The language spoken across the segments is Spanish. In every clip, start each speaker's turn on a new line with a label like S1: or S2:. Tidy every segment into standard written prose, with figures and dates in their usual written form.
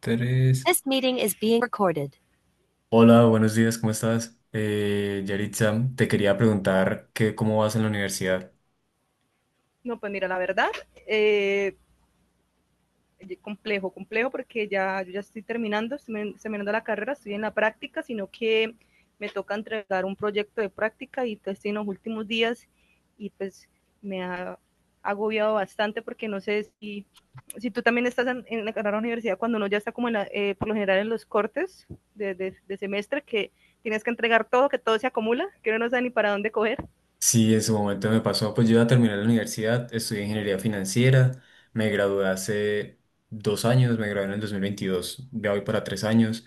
S1: Tres.
S2: This meeting is being recorded.
S1: Hola, buenos días, ¿cómo estás? Yaritza, te quería preguntar cómo vas en la universidad.
S2: No, pues mira, la verdad, eh, complejo, complejo porque ya, yo ya estoy terminando la carrera, estoy en la práctica, sino que me toca entregar un proyecto de práctica y pues, estoy en los últimos días y pues me ha agobiado bastante porque no sé si tú también estás en la carrera de la universidad cuando uno ya está como en por lo general en los cortes semestre que tienes que entregar todo, que todo se acumula, que uno no sabe ni para dónde coger.
S1: Sí, en su momento me pasó, pues yo ya terminé la universidad, estudié ingeniería financiera, me gradué hace dos años, me gradué en el 2022, ya voy para tres años,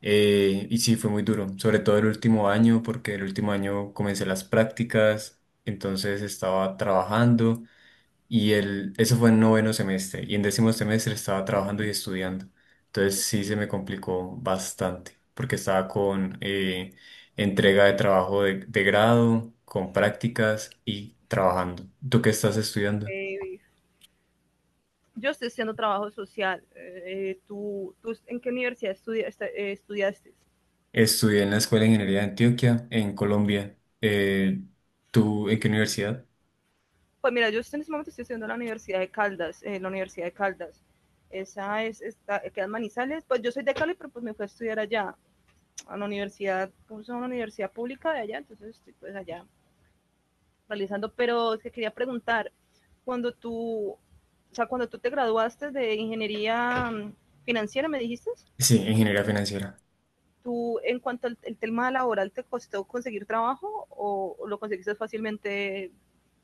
S1: y sí, fue muy duro, sobre todo el último año, porque el último año comencé las prácticas, entonces estaba trabajando. Eso fue en noveno semestre. Y en décimo semestre estaba trabajando y estudiando. Entonces sí se me complicó bastante, porque estaba con entrega de trabajo de grado, con prácticas y trabajando. ¿Tú qué estás
S2: Uf,
S1: estudiando?
S2: eh, yo estoy haciendo trabajo social. ¿Tú en qué universidad estudiaste?
S1: Estudié en la Escuela de Ingeniería de Antioquia, en Colombia. ¿Tú en qué universidad?
S2: Pues mira, yo en este momento estoy estudiando en la Universidad de Caldas, en la Universidad de Caldas. Queda en Manizales. Pues yo soy de Cali, pero pues me fui a estudiar allá, a la universidad, como es una universidad pública de allá, entonces estoy pues allá realizando. Pero es que quería preguntar, cuando tú, o sea, cuando tú te graduaste de ingeniería financiera, ¿me dijiste?
S1: Sí, ingeniería financiera.
S2: ¿Tú en cuanto al el tema laboral te costó conseguir trabajo o lo conseguiste fácilmente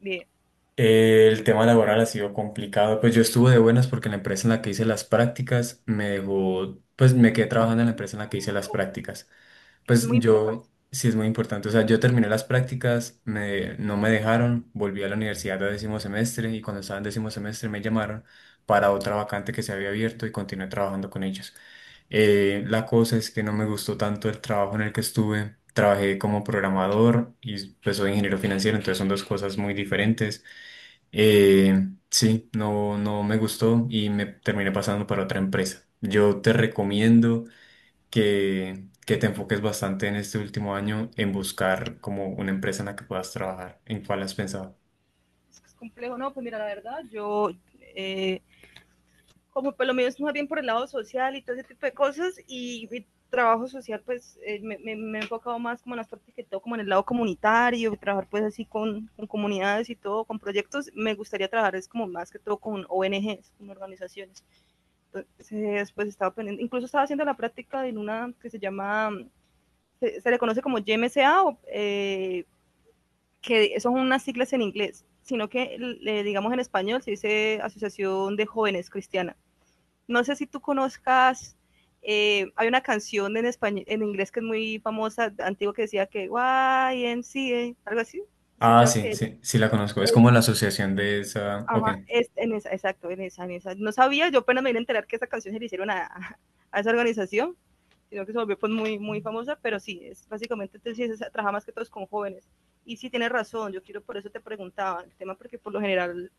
S2: bien?
S1: El tema laboral ha sido complicado. Pues yo estuve de buenas porque en la empresa en la que hice las prácticas me dejó, pues me quedé trabajando en la empresa en la que hice las
S2: Ok,
S1: prácticas.
S2: que eso
S1: Pues
S2: es muy importante.
S1: yo, sí es muy importante. O sea, yo terminé las prácticas, no me dejaron, volví a la universidad de décimo semestre y cuando estaba en décimo semestre me llamaron para otra vacante que se había abierto y continué trabajando con ellos. La cosa es que no me gustó tanto el trabajo en el que estuve. Trabajé como programador y pues soy ingeniero financiero, entonces son dos cosas muy diferentes. Sí, no me gustó y me terminé pasando para otra empresa. Yo te recomiendo que te enfoques bastante en este último año en buscar como una empresa en la que puedas trabajar. ¿En cuál has pensado?
S2: Es complejo, no, pues mira, la verdad, yo eh, como por lo menos más bien por el lado social y todo ese tipo de cosas, y mi trabajo social pues he enfocado más como en las partes que todo como en el lado comunitario, trabajar pues así con, comunidades y todo, con proyectos, me gustaría trabajar es como más que todo con ONGs, con organizaciones. Entonces, pues estaba pendiente, incluso estaba haciendo la práctica en una que se llama, se le conoce como YMCA, o, que son unas siglas en inglés, sino que, digamos en español, se dice Asociación de Jóvenes Cristianas. No sé si tú conozcas, hay una canción en español, en inglés que es muy famosa, antigua, que decía que YMCA, algo así. He
S1: Ah,
S2: escuchado
S1: sí,
S2: que
S1: sí, sí la conozco. Es como
S2: es,
S1: la asociación de esa. Ok,
S2: ajá, es en esa, exacto, en esa, en esa. No sabía, yo apenas me vine a enterar que esa canción se le hicieron a, a esa organización, sino que se volvió pues, muy, muy famosa, pero sí, es básicamente, entonces, trabaja más que todos con jóvenes. Y sí, tienes razón, yo quiero, por eso te preguntaba el tema, porque por lo general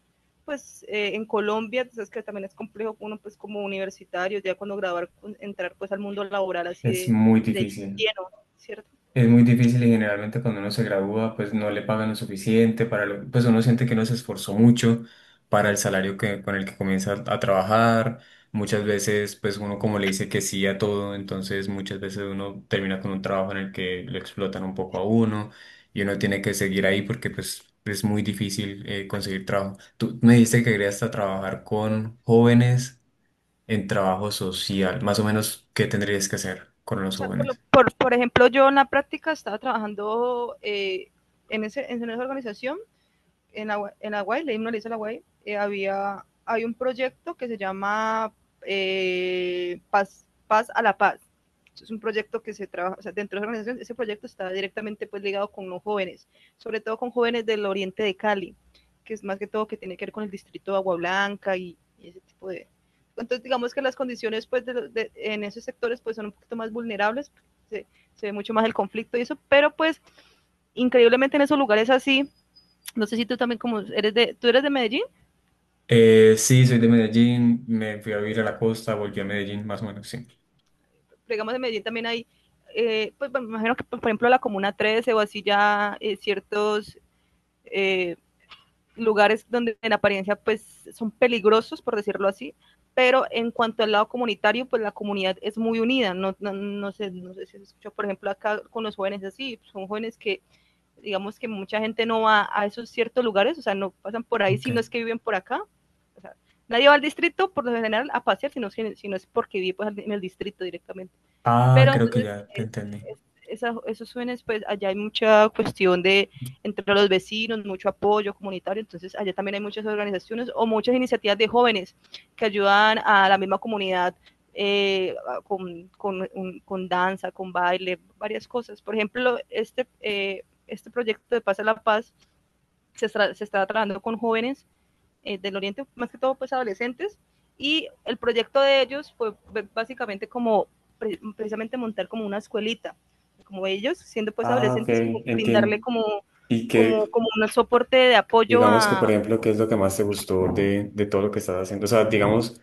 S2: pues en Colombia, entonces que también es complejo uno pues como universitario, ya cuando entrar pues al mundo laboral así
S1: es
S2: de,
S1: muy
S2: de
S1: difícil.
S2: lleno, ¿cierto?
S1: Es muy difícil y generalmente cuando uno se gradúa, pues no le pagan lo suficiente para lo, pues uno siente que no se esforzó mucho para el salario que, con el que comienza a trabajar. Muchas veces, pues uno como le dice que sí a todo, entonces muchas veces uno termina con un trabajo en el que lo explotan un poco a uno y uno tiene que seguir ahí porque pues es muy difícil conseguir trabajo. Tú me dijiste que querías hasta trabajar con jóvenes en trabajo social, más o menos, ¿qué tendrías que hacer con
S2: O
S1: los
S2: sea, por, lo,
S1: jóvenes?
S2: por, por, ejemplo, yo en la práctica estaba trabajando en esa organización en, en Aguay, le himno a Aguay, hay un proyecto que se llama Paz a la Paz. Es un proyecto que se trabaja, o sea, dentro de la organización, ese proyecto está directamente pues ligado con los jóvenes, sobre todo con jóvenes del oriente de Cali, que es más que todo que tiene que ver con el distrito de Agua Blanca y ese tipo de... Entonces, digamos que las condiciones pues de, en esos sectores pues son un poquito más vulnerables, se, se ve mucho más el conflicto y eso, pero pues increíblemente en esos lugares así, no sé si tú también, tú eres de Medellín,
S1: Sí, soy de Medellín, me fui a vivir a la costa, volví a Medellín, más o menos, sí.
S2: digamos de Medellín también hay, pues me imagino que, pues, por ejemplo, la Comuna 13 o así ya ciertos eh, lugares donde en apariencia pues son peligrosos, por decirlo así, pero en cuanto al lado comunitario, pues la comunidad es muy unida, no, no, no sé si se escucha, por ejemplo, acá con los jóvenes así, son jóvenes que digamos que mucha gente no va a esos ciertos lugares, o sea, no pasan por ahí si
S1: Ok.
S2: no es que viven por acá. O sea, nadie va al distrito por lo general a pasear, sino, sino es porque vive pues, en el distrito directamente.
S1: Ah,
S2: Pero
S1: creo que
S2: entonces,
S1: ya te
S2: es,
S1: entendí.
S2: es, esos jóvenes, pues allá hay mucha cuestión de entre los vecinos, mucho apoyo comunitario, entonces allá también hay muchas organizaciones o muchas iniciativas de jóvenes que ayudan a la misma comunidad eh, con danza, con baile, varias cosas. Por ejemplo, este, este proyecto de Paz a la Paz se está trabajando con jóvenes del Oriente, más que todo pues adolescentes, y el proyecto de ellos fue básicamente como precisamente montar como una escuelita, como ellos siendo pues
S1: Ah, ok,
S2: adolescentes, como brindarle
S1: entiendo.
S2: como,
S1: Y que,
S2: como un soporte de apoyo
S1: digamos que,
S2: a...
S1: por ejemplo, ¿qué es lo que más te gustó de todo lo que estás haciendo? O sea, digamos,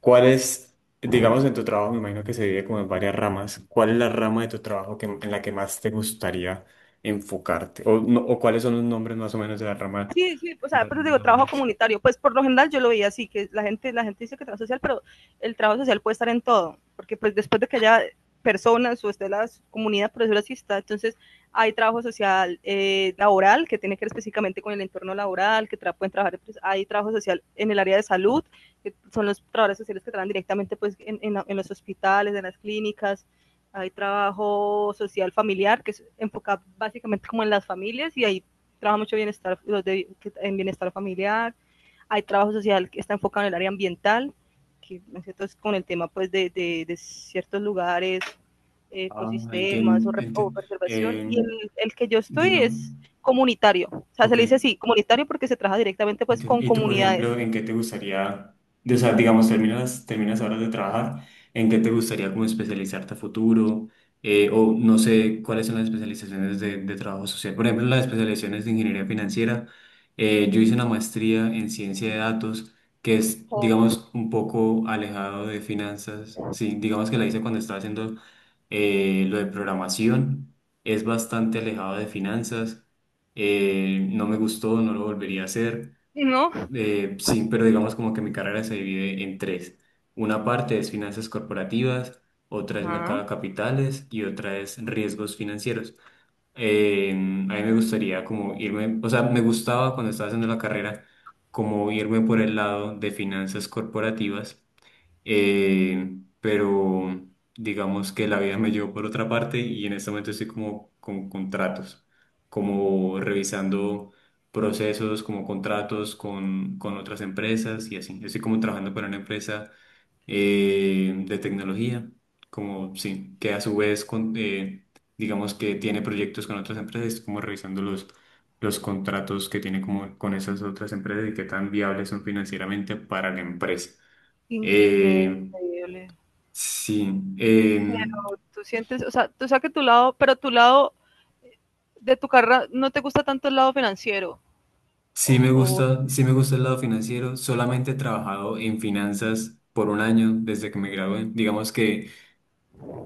S1: ¿cuál es, digamos, en tu trabajo, me imagino que se divide como en varias ramas, ¿cuál es la rama de tu trabajo que, en la que más te gustaría enfocarte? O, no, o cuáles son los nombres más o menos
S2: Sí, sí, o
S1: de
S2: sea,
S1: la
S2: pero
S1: rama
S2: digo, trabajo
S1: laboral?
S2: comunitario, pues por lo general yo lo veía así, que la gente dice que trabajo social, pero el trabajo social puede estar en todo, porque pues después de que haya personas o esté la comunidad, por eso así está, entonces hay trabajo social laboral que tiene que ver específicamente con el entorno laboral, que tra pueden trabajar, pues, hay trabajo social en el área de salud, que son los trabajadores sociales que trabajan directamente pues en, en los hospitales, en las clínicas, hay trabajo social familiar que es enfocado básicamente como en las familias y hay trabaja mucho bienestar, los de, en bienestar familiar, hay trabajo social que está enfocado en el área ambiental, que es con el tema pues de, de ciertos lugares,
S1: Ah,
S2: ecosistemas
S1: entiendo,
S2: o
S1: entiendo.
S2: preservación, y el, que yo estoy
S1: Digamos.
S2: es comunitario, o sea, se
S1: Ok.
S2: le dice así, comunitario porque se trabaja directamente pues con
S1: Entiendo. Y tú, por
S2: comunidades,
S1: ejemplo, ¿en qué te gustaría, de- o sea, digamos, terminas ahora de trabajar, ¿en qué te gustaría como especializarte a futuro? O no sé cuáles son las especializaciones de trabajo social. Por ejemplo, las especializaciones de ingeniería financiera. Eh, yo hice una maestría en ciencia de datos, que es,
S2: o,
S1: digamos, un poco alejado de finanzas. Sí, digamos que la hice cuando estaba haciendo lo de programación. Es bastante alejado de finanzas. No me gustó, no lo volvería a hacer.
S2: ¿no?
S1: Sí, pero digamos como que mi carrera se divide en tres. Una parte es finanzas corporativas, otra es mercado
S2: Ajá.
S1: de capitales y otra es riesgos financieros. A mí me gustaría como irme, o sea, me gustaba cuando estaba haciendo la carrera como irme por el lado de finanzas corporativas pero digamos que la vida me llevó por otra parte y en este momento estoy como con contratos, como revisando procesos, como contratos con otras empresas y así. Yo estoy como trabajando para una empresa de tecnología, como sí, que a su vez, digamos que tiene proyectos con otras empresas, estoy como revisando los contratos que tiene como con esas otras empresas y qué tan viables son financieramente para la empresa.
S2: Increíble.
S1: Eh, Sí, em,
S2: Tú sientes, o sea, tú sabes que tu lado, pero tu lado de tu carrera no te gusta tanto el lado financiero, o,
S1: sí me gusta el lado financiero. Solamente he trabajado en finanzas por un año desde que me gradué. Digamos que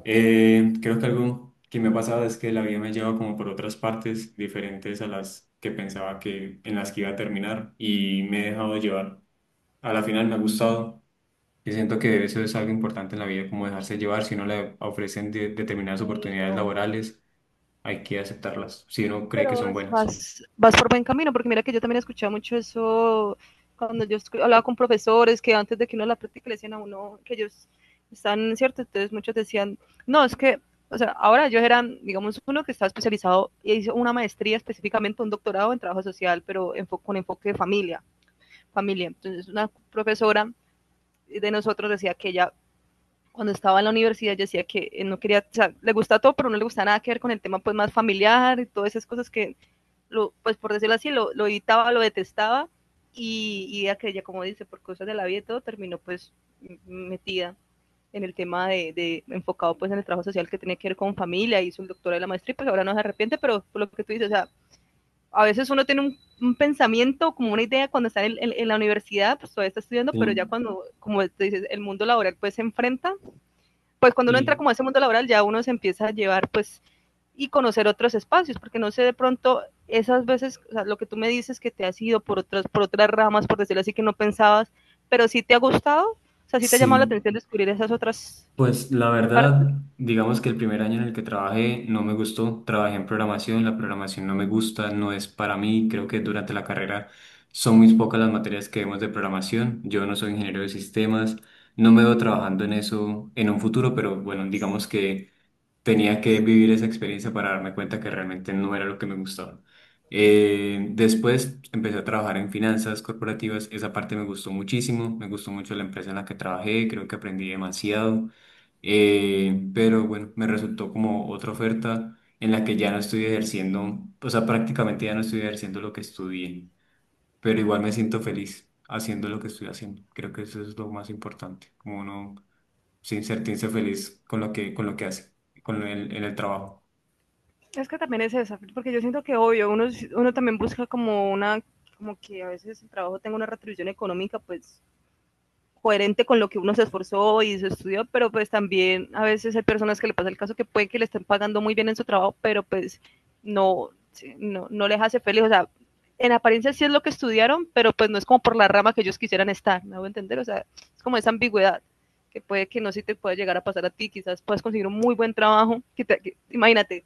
S1: creo que algo que me ha pasado es que la vida me lleva como por otras partes diferentes a las que pensaba que en las que iba a terminar y me he dejado llevar. A la final me ha gustado y siento que eso es algo importante en la vida, como dejarse llevar. Si no le ofrecen de- determinadas
S2: o
S1: oportunidades
S2: o
S1: laborales, hay que aceptarlas si uno cree que
S2: pero
S1: son buenas.
S2: vas por buen camino, porque mira que yo también escuchaba mucho eso cuando yo hablaba con profesores que antes de que uno la práctica le decían a uno que ellos están, ¿cierto? Entonces muchos decían, no, es que, o sea, ahora ellos eran, digamos, uno que estaba especializado y hizo una maestría específicamente, un doctorado en trabajo social, pero enfo con enfoque de familia, familia. Entonces una profesora de nosotros decía que ella cuando estaba en la universidad decía que no quería, o sea, le gusta todo, pero no le gusta nada que ver con el tema pues más familiar y todas esas cosas que lo, pues por decirlo así, lo editaba, lo detestaba y ya que ella, como dice, por cosas de la vida y todo, terminó pues metida en el tema de, enfocado pues en el trabajo social que tiene que ver con familia, hizo el doctorado de la maestría y pues ahora no se arrepiente, pero por lo que tú dices, o sea, a veces uno tiene un pensamiento, como una idea cuando está en, la universidad, pues todavía está estudiando, pero ya
S1: Sí.
S2: cuando, como te dices, el mundo laboral pues se enfrenta, pues cuando uno entra
S1: Y
S2: como a ese mundo laboral ya uno se empieza a llevar pues y conocer otros espacios, porque no sé de pronto esas veces, o sea, lo que tú me dices que te has ido por otras, ramas, por decirlo así, que no pensabas, pero sí te ha gustado, o sea, sí te ha llamado la
S1: sí,
S2: atención descubrir esas otras
S1: pues la
S2: partes.
S1: verdad, digamos que el primer año en el que trabajé no me gustó, trabajé en programación, la programación no me gusta, no es para mí, creo que durante la carrera son muy pocas las materias que vemos de programación, yo no soy ingeniero de sistemas, no me veo trabajando en eso en un futuro, pero bueno, digamos que tenía que vivir esa experiencia para darme cuenta que realmente no era lo que me gustaba. Después empecé a trabajar en finanzas corporativas, esa parte me gustó muchísimo, me gustó mucho la empresa en la que trabajé, creo que aprendí demasiado. Pero bueno, me resultó como otra oferta en la que ya no estoy ejerciendo, o sea, prácticamente ya no estoy ejerciendo lo que estudié, pero igual me siento feliz haciendo lo que estoy haciendo, creo que eso es lo más importante, como no sí, sentirse feliz con lo que hace, en el trabajo.
S2: Es que también es esa, porque yo siento que obvio, uno también busca como una, como que a veces el trabajo tenga una retribución económica, pues coherente con lo que uno se esforzó y se estudió, pero pues también a veces hay personas que le pasa el caso que puede que le estén pagando muy bien en su trabajo, pero pues no, sí, no les hace feliz, o sea, en apariencia sí es lo que estudiaron, pero pues no es como por la rama que ellos quisieran estar, ¿me hago entender? O sea, es como esa ambigüedad que puede que no si te pueda llegar a pasar a ti, quizás puedas conseguir un muy buen trabajo, que te, que, imagínate,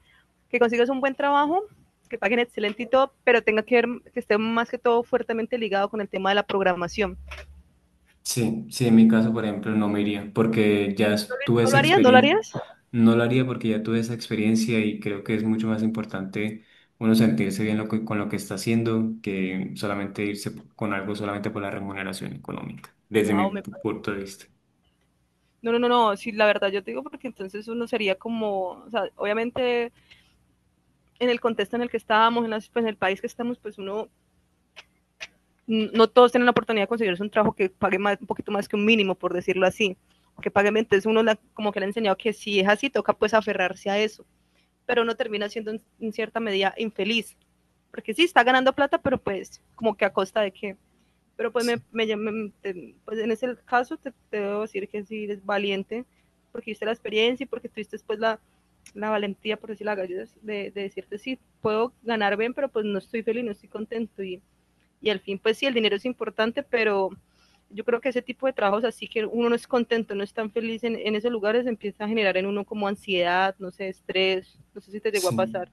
S2: que consigas un buen trabajo, que paguen excelente y todo, pero tenga que ver, que esté más que todo fuertemente ligado con el tema de la programación.
S1: Sí, sí, en mi caso, por ejemplo, no me iría, porque ya es- tuve
S2: ¿No lo
S1: esa
S2: harías? ¿No lo
S1: experiencia,
S2: harías?
S1: no lo haría porque ya tuve esa experiencia y creo que es mucho más importante uno sentirse bien lo que, con lo que está haciendo que solamente irse con algo solamente por la remuneración económica, desde mi
S2: Wow, me
S1: pu- punto de
S2: parece.
S1: vista.
S2: No, no, no, no, sí, la verdad yo te digo porque entonces uno sería como, o sea, obviamente en el contexto en el que estábamos, en, las- pues, en el país que estamos, pues uno, n- no todos tienen la oportunidad de conseguirse un trabajo que pague más, un poquito más que un mínimo, por decirlo así, o que pague, entonces uno la- como que le ha enseñado que si es así, toca pues aferrarse a eso, pero uno termina siendo en, cierta medida infeliz, porque sí, está ganando plata, pero pues como que a costa de qué. Pero pues, me- pues en ese caso te, te debo decir que sí eres valiente porque viste la experiencia y porque tuviste después la, valentía, por decir la gallega, de decirte sí, puedo ganar bien, pero pues no estoy feliz, no estoy contento. Y al fin, pues sí, el dinero es importante, pero yo creo que ese tipo de trabajos así que uno no es contento, no es tan feliz en, esos lugares, empieza a generar en uno como ansiedad, no sé, estrés, no sé si te llegó a
S1: Sí.
S2: pasar.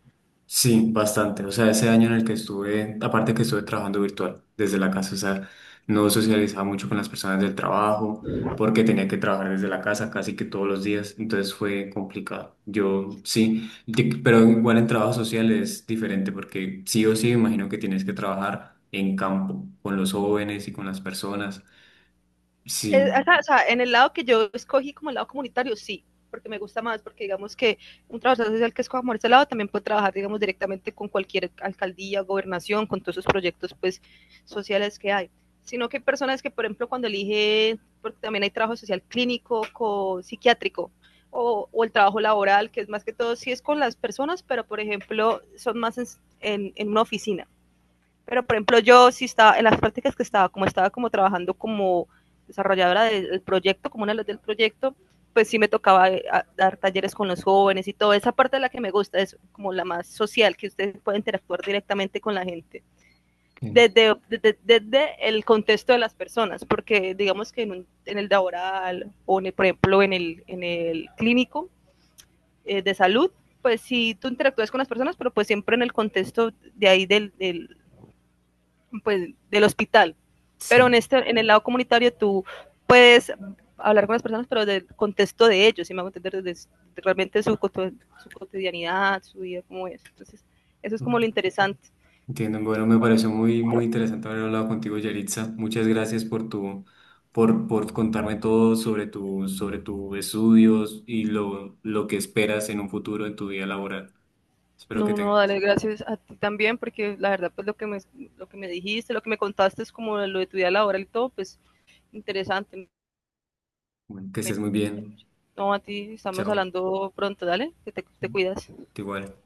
S1: Sí, bastante. O sea, ese año en el que estuve, aparte que estuve trabajando virtual desde la casa, o sea, no socializaba mucho con las personas del trabajo porque tenía que trabajar desde la casa casi que todos los días, entonces fue complicado. Yo sí, di- pero igual en trabajo social es diferente porque sí o sí me imagino que tienes que trabajar en campo con los jóvenes y con las personas. Sí,
S2: eh, o sea, en el lado que yo escogí como el lado comunitario, sí, porque me gusta más, porque digamos que un trabajador social que escoja por ese lado también puede trabajar, digamos, directamente con cualquier alcaldía, gobernación, con todos esos proyectos, pues, sociales que hay. Sino que hay personas que, por ejemplo, cuando elige, porque también hay trabajo social clínico, co psiquiátrico, o, el trabajo laboral, que es más que todo, sí es con las personas, pero, por ejemplo, son más en, una oficina pero, por ejemplo, yo sí estaba, en las prácticas que estaba como trabajando como desarrolladora del proyecto, como una de las del proyecto, pues sí me tocaba dar talleres con los jóvenes y todo. Esa parte de la que me gusta es como la más social, que ustedes pueden interactuar directamente con la gente,
S1: ok,
S2: desde, desde el contexto de las personas, porque digamos que en, en el laboral en el, por ejemplo, en el, clínico de salud, pues sí tú interactúas con las personas, pero pues siempre en el contexto de ahí del, del hospital. Pero en,
S1: sí,
S2: este, en el lado comunitario tú puedes hablar con las personas, pero del contexto de ellos, si me hago entender, desde realmente su, cotidianidad, su vida, cómo es. Entonces, eso es como lo
S1: ok.
S2: interesante.
S1: Entiendo. Bueno, me pareció muy, muy interesante haber hablado contigo, Yaritza. Muchas gracias por tu, por contarme todo sobre tu, sobre tus estudios y lo que esperas en un futuro en tu vida laboral. Espero que
S2: No, no,
S1: tengas.
S2: dale gracias a ti también, porque la verdad, pues lo que me, dijiste, lo que me contaste es como lo de tu vida laboral y todo, pues interesante.
S1: Bueno, que estés muy bien.
S2: No, a ti estamos
S1: Chao.
S2: hablando pronto, dale, que te cuidas.
S1: Igual.